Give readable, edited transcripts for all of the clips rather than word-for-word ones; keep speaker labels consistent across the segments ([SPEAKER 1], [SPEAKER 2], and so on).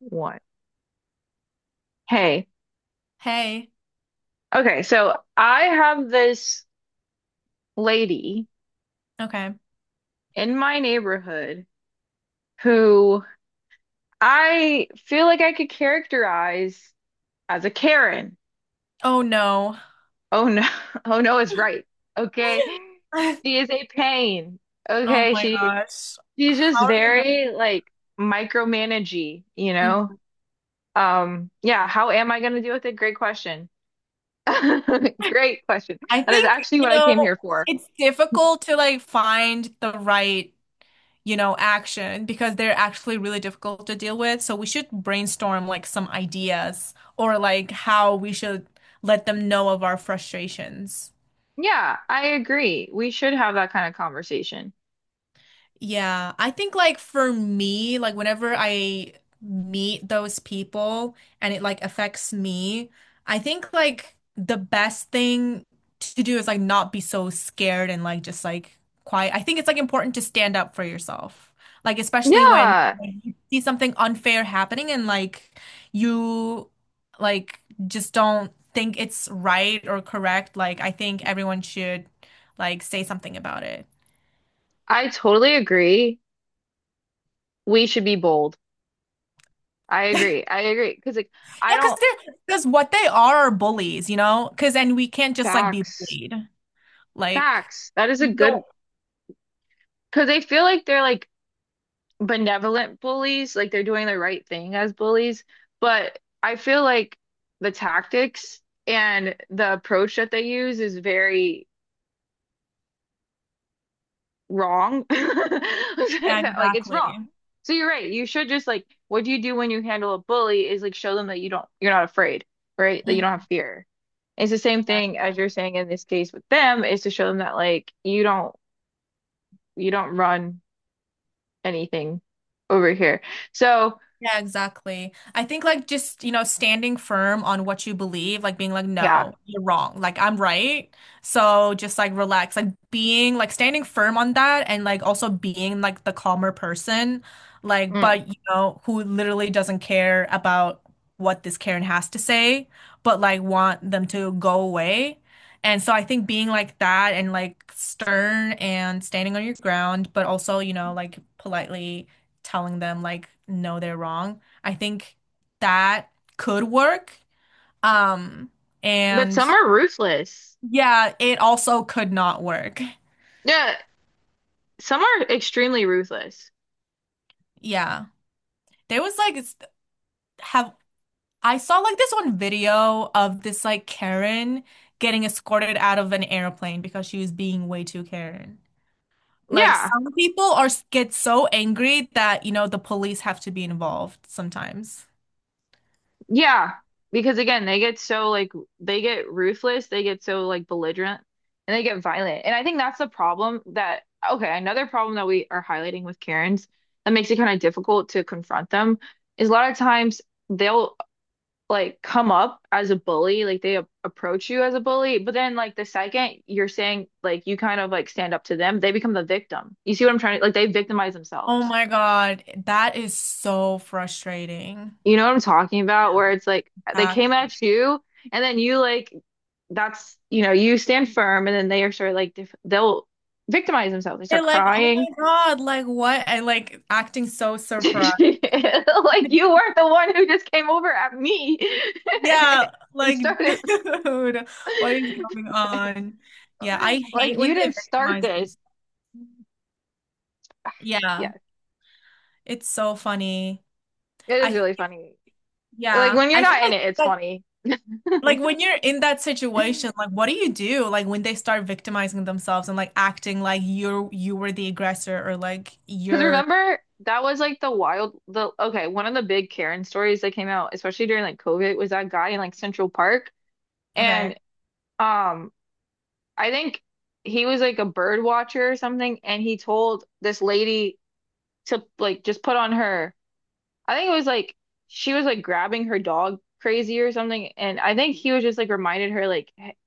[SPEAKER 1] What? Hey,
[SPEAKER 2] Hey.
[SPEAKER 1] okay, so I have this lady
[SPEAKER 2] Okay.
[SPEAKER 1] in my neighborhood who I feel like I could characterize as a Karen.
[SPEAKER 2] Oh no.
[SPEAKER 1] Oh no, oh no, it's right. Okay. She is a pain.
[SPEAKER 2] Oh
[SPEAKER 1] Okay,
[SPEAKER 2] my
[SPEAKER 1] she
[SPEAKER 2] gosh.
[SPEAKER 1] she's just
[SPEAKER 2] How are you gonna?
[SPEAKER 1] very like micromanagey.
[SPEAKER 2] Mm.
[SPEAKER 1] Yeah, how am I gonna deal with it? Great question. Great question.
[SPEAKER 2] I
[SPEAKER 1] That is
[SPEAKER 2] think,
[SPEAKER 1] actually
[SPEAKER 2] you
[SPEAKER 1] what I
[SPEAKER 2] know,
[SPEAKER 1] came here for.
[SPEAKER 2] it's difficult to like find the right action because they're actually really difficult to deal with. So we should brainstorm like some ideas or like how we should let them know of our frustrations.
[SPEAKER 1] Yeah, I agree. We should have that kind of conversation.
[SPEAKER 2] Yeah, I think like for me, like whenever I meet those people and it like affects me, I think like the best thing to do is like not be so scared and like just like quiet. I think it's like important to stand up for yourself. Like especially when
[SPEAKER 1] Yeah,
[SPEAKER 2] you see something unfair happening and like you like just don't think it's right or correct. Like I think everyone should like say something about it.
[SPEAKER 1] I totally agree. We should be bold. I agree. I agree. Because, like, I
[SPEAKER 2] Yeah, because
[SPEAKER 1] don't,
[SPEAKER 2] they're because what they are bullies, you know? Because and we can't just like be
[SPEAKER 1] facts,
[SPEAKER 2] bullied. Like
[SPEAKER 1] facts. That is a
[SPEAKER 2] you don't,
[SPEAKER 1] good, because they feel like they're like benevolent bullies, like they're doing the right thing as bullies. But I feel like the tactics and the approach that they use is very wrong.
[SPEAKER 2] yeah,
[SPEAKER 1] Like it's wrong.
[SPEAKER 2] exactly.
[SPEAKER 1] So you're right. You should just like what do you do when you handle a bully is like show them that you're not afraid, right? That you don't have
[SPEAKER 2] Mhm.
[SPEAKER 1] fear. It's the same thing as you're saying in this case with them is to show them that like you don't run anything over here. So
[SPEAKER 2] Yeah, exactly. I think like just, you know, standing firm on what you believe, like being like,
[SPEAKER 1] yeah.
[SPEAKER 2] no, you're wrong. Like I'm right. So just like relax, like being like standing firm on that and like also being like the calmer person, like,
[SPEAKER 1] Mm.
[SPEAKER 2] but you know, who literally doesn't care about what this Karen has to say, but like want them to go away. And so I think being like that and like stern and standing on your ground, but also, you know, like politely telling them like no they're wrong. I think that could work. Um
[SPEAKER 1] But
[SPEAKER 2] and
[SPEAKER 1] some are ruthless.
[SPEAKER 2] yeah, it also could not work.
[SPEAKER 1] Yeah, some are extremely ruthless.
[SPEAKER 2] Yeah. There was like s- have I saw like this one video of this like Karen getting escorted out of an airplane because she was being way too Karen. Like
[SPEAKER 1] Yeah.
[SPEAKER 2] some people are get so angry that, you know, the police have to be involved sometimes.
[SPEAKER 1] Yeah, because again, they get so like they get ruthless, they get so like belligerent, and they get violent. And I think that's the problem that okay, another problem that we are highlighting with Karens that makes it kind of difficult to confront them is a lot of times they'll like come up as a bully, like they a approach you as a bully, but then like the second you're saying like you kind of like stand up to them, they become the victim. You see what I'm trying to like they victimize
[SPEAKER 2] Oh
[SPEAKER 1] themselves.
[SPEAKER 2] my God, that is so frustrating.
[SPEAKER 1] You know what I'm talking about? Where it's like they
[SPEAKER 2] Yeah.
[SPEAKER 1] came
[SPEAKER 2] Exactly.
[SPEAKER 1] at you and then you like that's, you know, you stand firm, and then they are sort of like def they'll victimize themselves. They start
[SPEAKER 2] They're like, oh
[SPEAKER 1] crying.
[SPEAKER 2] my God, like what? And like acting so surprised.
[SPEAKER 1] Like you weren't the one who just came over at me
[SPEAKER 2] Yeah,
[SPEAKER 1] and
[SPEAKER 2] like,
[SPEAKER 1] started.
[SPEAKER 2] dude, what is going on? Yeah, I
[SPEAKER 1] Like
[SPEAKER 2] hate
[SPEAKER 1] you
[SPEAKER 2] when they
[SPEAKER 1] didn't start
[SPEAKER 2] victimize
[SPEAKER 1] this.
[SPEAKER 2] themselves. Yeah,
[SPEAKER 1] Yeah,
[SPEAKER 2] it's so funny.
[SPEAKER 1] it is
[SPEAKER 2] I,
[SPEAKER 1] really funny. Like
[SPEAKER 2] yeah,
[SPEAKER 1] when you're
[SPEAKER 2] I feel
[SPEAKER 1] not in
[SPEAKER 2] like,
[SPEAKER 1] it, it's
[SPEAKER 2] like,
[SPEAKER 1] funny.
[SPEAKER 2] like when you're in that situation,
[SPEAKER 1] Because
[SPEAKER 2] like, what do you do? Like when they start victimizing themselves and like acting like you were the aggressor or like you're,
[SPEAKER 1] remember, that was like the wild, the okay, one of the big Karen stories that came out, especially during like COVID, was that guy in like Central Park.
[SPEAKER 2] okay.
[SPEAKER 1] And um I think he was like a bird watcher or something, and he told this lady to like just put on her. I think it was like she was like grabbing her dog crazy or something, and I think he was just like reminded her like hey,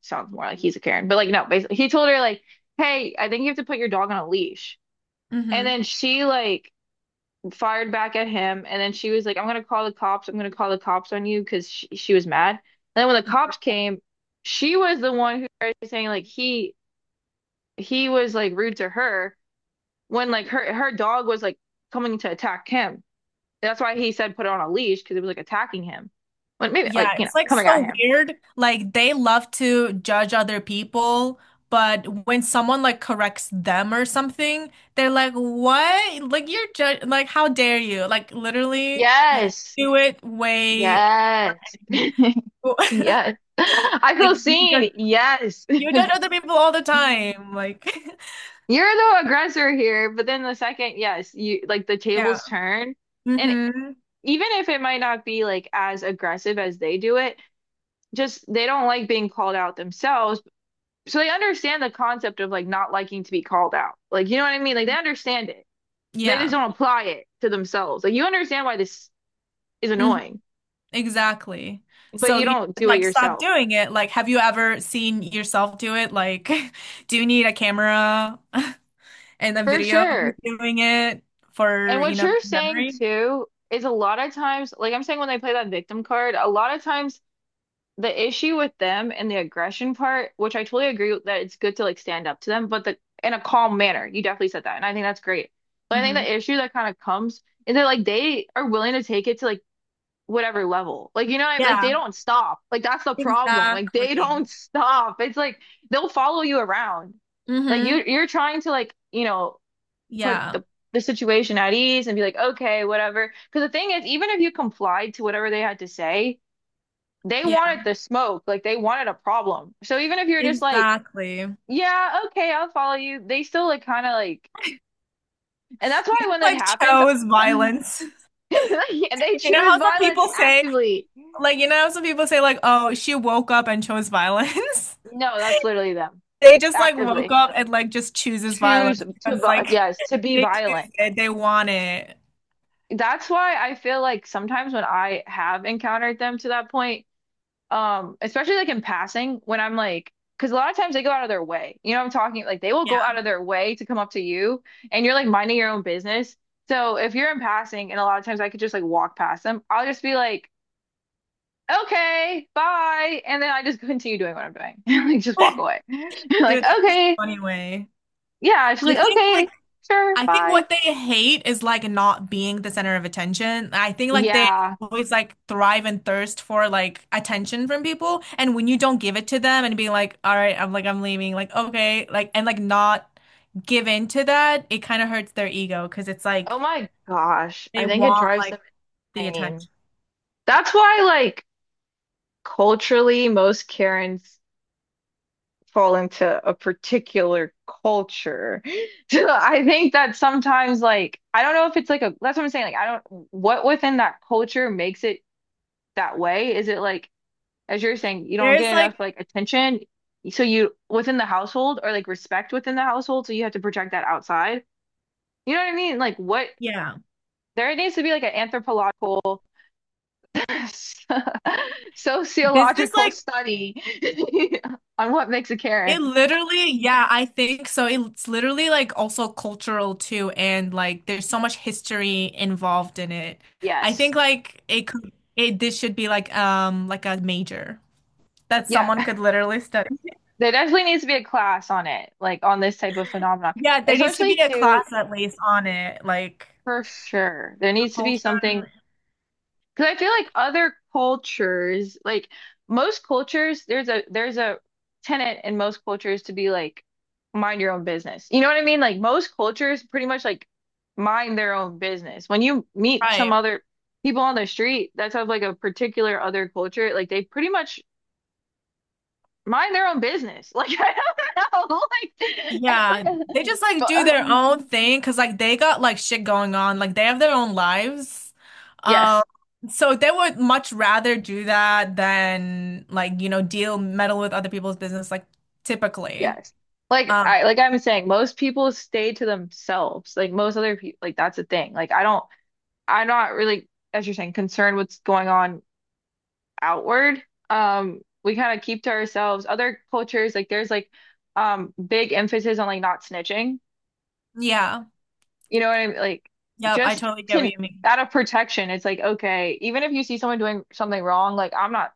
[SPEAKER 1] sounds more like he's a Karen, but like no, basically he told her like, hey, I think you have to put your dog on a leash, and
[SPEAKER 2] Mm-hmm.
[SPEAKER 1] then she like fired back at him, and then she was like, I'm gonna call the cops, I'm gonna call the cops on you because she was mad, and then when the cops came. She was the one who started saying like he was like rude to her when like her dog was like coming to attack him. That's why he said put it on a leash because it was like attacking him. But maybe
[SPEAKER 2] Yeah,
[SPEAKER 1] like, you know,
[SPEAKER 2] it's like
[SPEAKER 1] coming at
[SPEAKER 2] so
[SPEAKER 1] him.
[SPEAKER 2] weird. Like they love to judge other people, but when someone like corrects them or something, they're like, "What? Like you're judge like how dare you?" Like literally like
[SPEAKER 1] Yes.
[SPEAKER 2] do it way
[SPEAKER 1] Yes.
[SPEAKER 2] like
[SPEAKER 1] Yes. I feel
[SPEAKER 2] you judge
[SPEAKER 1] seen. Yes.
[SPEAKER 2] you
[SPEAKER 1] You're
[SPEAKER 2] judge other people all the time. Like
[SPEAKER 1] the aggressor here, but then the second, yes, you like the
[SPEAKER 2] yeah.
[SPEAKER 1] tables turn. And
[SPEAKER 2] Mm-hmm.
[SPEAKER 1] even if it might not be like as aggressive as they do it, just they don't like being called out themselves. So they understand the concept of like not liking to be called out. Like, you know what I mean? Like they understand it. They just
[SPEAKER 2] Yeah.
[SPEAKER 1] don't apply it to themselves. Like you understand why this is
[SPEAKER 2] Mm-hmm.
[SPEAKER 1] annoying,
[SPEAKER 2] Exactly.
[SPEAKER 1] but
[SPEAKER 2] So
[SPEAKER 1] you
[SPEAKER 2] you
[SPEAKER 1] don't
[SPEAKER 2] should,
[SPEAKER 1] do it
[SPEAKER 2] like stop
[SPEAKER 1] yourself.
[SPEAKER 2] doing it. Like, have you ever seen yourself do it? Like, do you need a camera and a
[SPEAKER 1] For
[SPEAKER 2] video of you
[SPEAKER 1] sure.
[SPEAKER 2] doing it
[SPEAKER 1] And
[SPEAKER 2] for, you
[SPEAKER 1] what
[SPEAKER 2] know, your
[SPEAKER 1] you're saying
[SPEAKER 2] memory?
[SPEAKER 1] too is a lot of times, like I'm saying when they play that victim card, a lot of times the issue with them and the aggression part, which I totally agree with, that it's good to like stand up to them, but the in a calm manner. You definitely said that. And I think that's great. But I think
[SPEAKER 2] Hmm.
[SPEAKER 1] the issue that kind of comes is that like they are willing to take it to like whatever level. Like, you know, like they
[SPEAKER 2] Yeah,
[SPEAKER 1] don't stop. Like that's the problem. Like they don't
[SPEAKER 2] exactly.
[SPEAKER 1] stop. It's like they'll follow you around. Like
[SPEAKER 2] Hmm.
[SPEAKER 1] you're trying to like, you know, put
[SPEAKER 2] Yeah.
[SPEAKER 1] the situation at ease and be like, okay, whatever. Because the thing is, even if you complied to whatever they had to say, they
[SPEAKER 2] Yeah,
[SPEAKER 1] wanted the smoke. Like they wanted a problem. So even if you're just like,
[SPEAKER 2] exactly. You
[SPEAKER 1] yeah, okay, I'll follow you, they still like kind of like, and that's why
[SPEAKER 2] just
[SPEAKER 1] when that
[SPEAKER 2] like
[SPEAKER 1] happens,
[SPEAKER 2] chose violence.
[SPEAKER 1] they
[SPEAKER 2] You know
[SPEAKER 1] choose
[SPEAKER 2] how some
[SPEAKER 1] violence
[SPEAKER 2] people say,
[SPEAKER 1] actively.
[SPEAKER 2] like, oh, she woke up and chose violence?
[SPEAKER 1] No, that's literally them.
[SPEAKER 2] They just like woke
[SPEAKER 1] Actively
[SPEAKER 2] up and like just chooses
[SPEAKER 1] choose
[SPEAKER 2] violence.
[SPEAKER 1] to,
[SPEAKER 2] It's like
[SPEAKER 1] yes, to be
[SPEAKER 2] they
[SPEAKER 1] violent.
[SPEAKER 2] choose it. They want it.
[SPEAKER 1] That's why I feel like sometimes when I have encountered them to that point, especially like in passing, when I'm like, because a lot of times they go out of their way. You know what I'm talking? Like they will go out
[SPEAKER 2] Yeah.
[SPEAKER 1] of their way to come up to you and you're like minding your own business. So if you're in passing, and a lot of times I could just like walk past them, I'll just be like, okay, bye. And then I just continue doing what I'm doing. Like just walk away. Like,
[SPEAKER 2] Dude, that's such
[SPEAKER 1] okay.
[SPEAKER 2] a funny way.
[SPEAKER 1] Yeah, she's
[SPEAKER 2] I
[SPEAKER 1] like,
[SPEAKER 2] think
[SPEAKER 1] okay,
[SPEAKER 2] like
[SPEAKER 1] sure,
[SPEAKER 2] I think
[SPEAKER 1] bye.
[SPEAKER 2] what they hate is like not being the center of attention. I think like they
[SPEAKER 1] Yeah.
[SPEAKER 2] always like thrive and thirst for like attention from people. And when you don't give it to them and be like, all right, I'm like I'm leaving, like okay, like and like not give in to that, it kind of hurts their ego because it's like
[SPEAKER 1] Oh my gosh.
[SPEAKER 2] they
[SPEAKER 1] I think it
[SPEAKER 2] want
[SPEAKER 1] drives
[SPEAKER 2] like
[SPEAKER 1] them
[SPEAKER 2] the
[SPEAKER 1] insane.
[SPEAKER 2] attention.
[SPEAKER 1] That's why, like, culturally, most Karens fall into a particular culture. So I think that sometimes, like, I don't know if it's like a, that's what I'm saying. Like, I don't, what within that culture makes it that way? Is it like, as you're saying, you don't get
[SPEAKER 2] There's
[SPEAKER 1] enough,
[SPEAKER 2] like
[SPEAKER 1] like, attention? So you, within the household, or like respect within the household, so you have to project that outside? You know what I mean? Like what
[SPEAKER 2] yeah.
[SPEAKER 1] there needs to be like an anthropological,
[SPEAKER 2] This is
[SPEAKER 1] sociological
[SPEAKER 2] like
[SPEAKER 1] study on what makes a
[SPEAKER 2] it
[SPEAKER 1] Karen.
[SPEAKER 2] literally, yeah, I think so. It's literally like also cultural too, and like there's so much history involved in it. I
[SPEAKER 1] Yes.
[SPEAKER 2] think like it could it this should be like a major that
[SPEAKER 1] Yeah.
[SPEAKER 2] someone could literally study.
[SPEAKER 1] There definitely needs to be a class on it, like on this type of phenomenon.
[SPEAKER 2] Yeah, there needs to
[SPEAKER 1] Especially
[SPEAKER 2] be a
[SPEAKER 1] to,
[SPEAKER 2] class at least on it, like
[SPEAKER 1] for sure, there
[SPEAKER 2] the
[SPEAKER 1] needs to be
[SPEAKER 2] culture and
[SPEAKER 1] something because I feel like other cultures, like most cultures, there's a tenet in most cultures to be like mind your own business. You know what I mean? Like most cultures pretty much like mind their own business. When you meet some
[SPEAKER 2] right.
[SPEAKER 1] other people on the street that's of like a particular other culture, like they pretty much mind their own business. Like I don't know, like
[SPEAKER 2] Yeah, they
[SPEAKER 1] every,
[SPEAKER 2] just like
[SPEAKER 1] but,
[SPEAKER 2] do their
[SPEAKER 1] um,
[SPEAKER 2] own thing because like they got like shit going on. Like they have their own lives. Um,
[SPEAKER 1] yes.
[SPEAKER 2] so they would much rather do that than like, you know, deal meddle with other people's business like typically.
[SPEAKER 1] Yes. Like
[SPEAKER 2] Um,
[SPEAKER 1] I like I'm saying, most people stay to themselves. Like most other people, like that's a thing. Like I don't, I'm not really, as you're saying, concerned what's going on outward. We kind of keep to ourselves. Other cultures, like there's like big emphasis on like not snitching.
[SPEAKER 2] yeah.
[SPEAKER 1] You know what I mean? Like
[SPEAKER 2] Yep, I
[SPEAKER 1] just
[SPEAKER 2] totally get what
[SPEAKER 1] to,
[SPEAKER 2] you mean.
[SPEAKER 1] out of protection, it's like okay, even if you see someone doing something wrong, like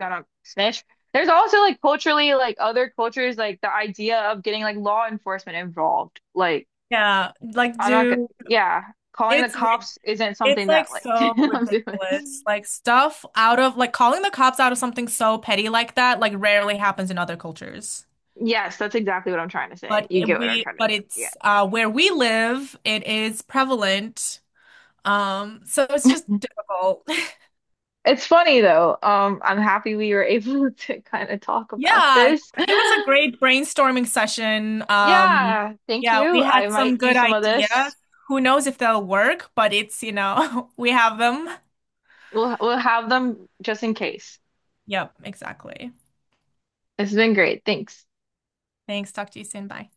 [SPEAKER 1] I don't snitch. There's also like culturally, like other cultures, like the idea of getting like law enforcement involved. Like
[SPEAKER 2] Yeah, like
[SPEAKER 1] I'm not gonna,
[SPEAKER 2] dude,
[SPEAKER 1] yeah, calling the
[SPEAKER 2] it's rid-
[SPEAKER 1] cops isn't
[SPEAKER 2] it's
[SPEAKER 1] something
[SPEAKER 2] like
[SPEAKER 1] that like
[SPEAKER 2] so
[SPEAKER 1] I'm doing.
[SPEAKER 2] ridiculous. Like stuff out of like calling the cops out of something so petty like that like rarely happens in other cultures.
[SPEAKER 1] Yes, that's exactly what I'm trying to say.
[SPEAKER 2] But
[SPEAKER 1] You get what I'm trying to,
[SPEAKER 2] but
[SPEAKER 1] yeah.
[SPEAKER 2] it's where we live, it is prevalent. So it's just difficult.
[SPEAKER 1] It's funny though. I'm happy we were able to kind of talk about
[SPEAKER 2] Yeah, it
[SPEAKER 1] this.
[SPEAKER 2] was a great brainstorming session.
[SPEAKER 1] Yeah, thank
[SPEAKER 2] Yeah, we
[SPEAKER 1] you.
[SPEAKER 2] had
[SPEAKER 1] I might
[SPEAKER 2] some good
[SPEAKER 1] use some of
[SPEAKER 2] ideas.
[SPEAKER 1] this.
[SPEAKER 2] Who knows if they'll work, but it's, you know, we have them.
[SPEAKER 1] We'll have them just in case.
[SPEAKER 2] Yep, exactly.
[SPEAKER 1] This has been great. Thanks.
[SPEAKER 2] Thanks. Talk to you soon. Bye.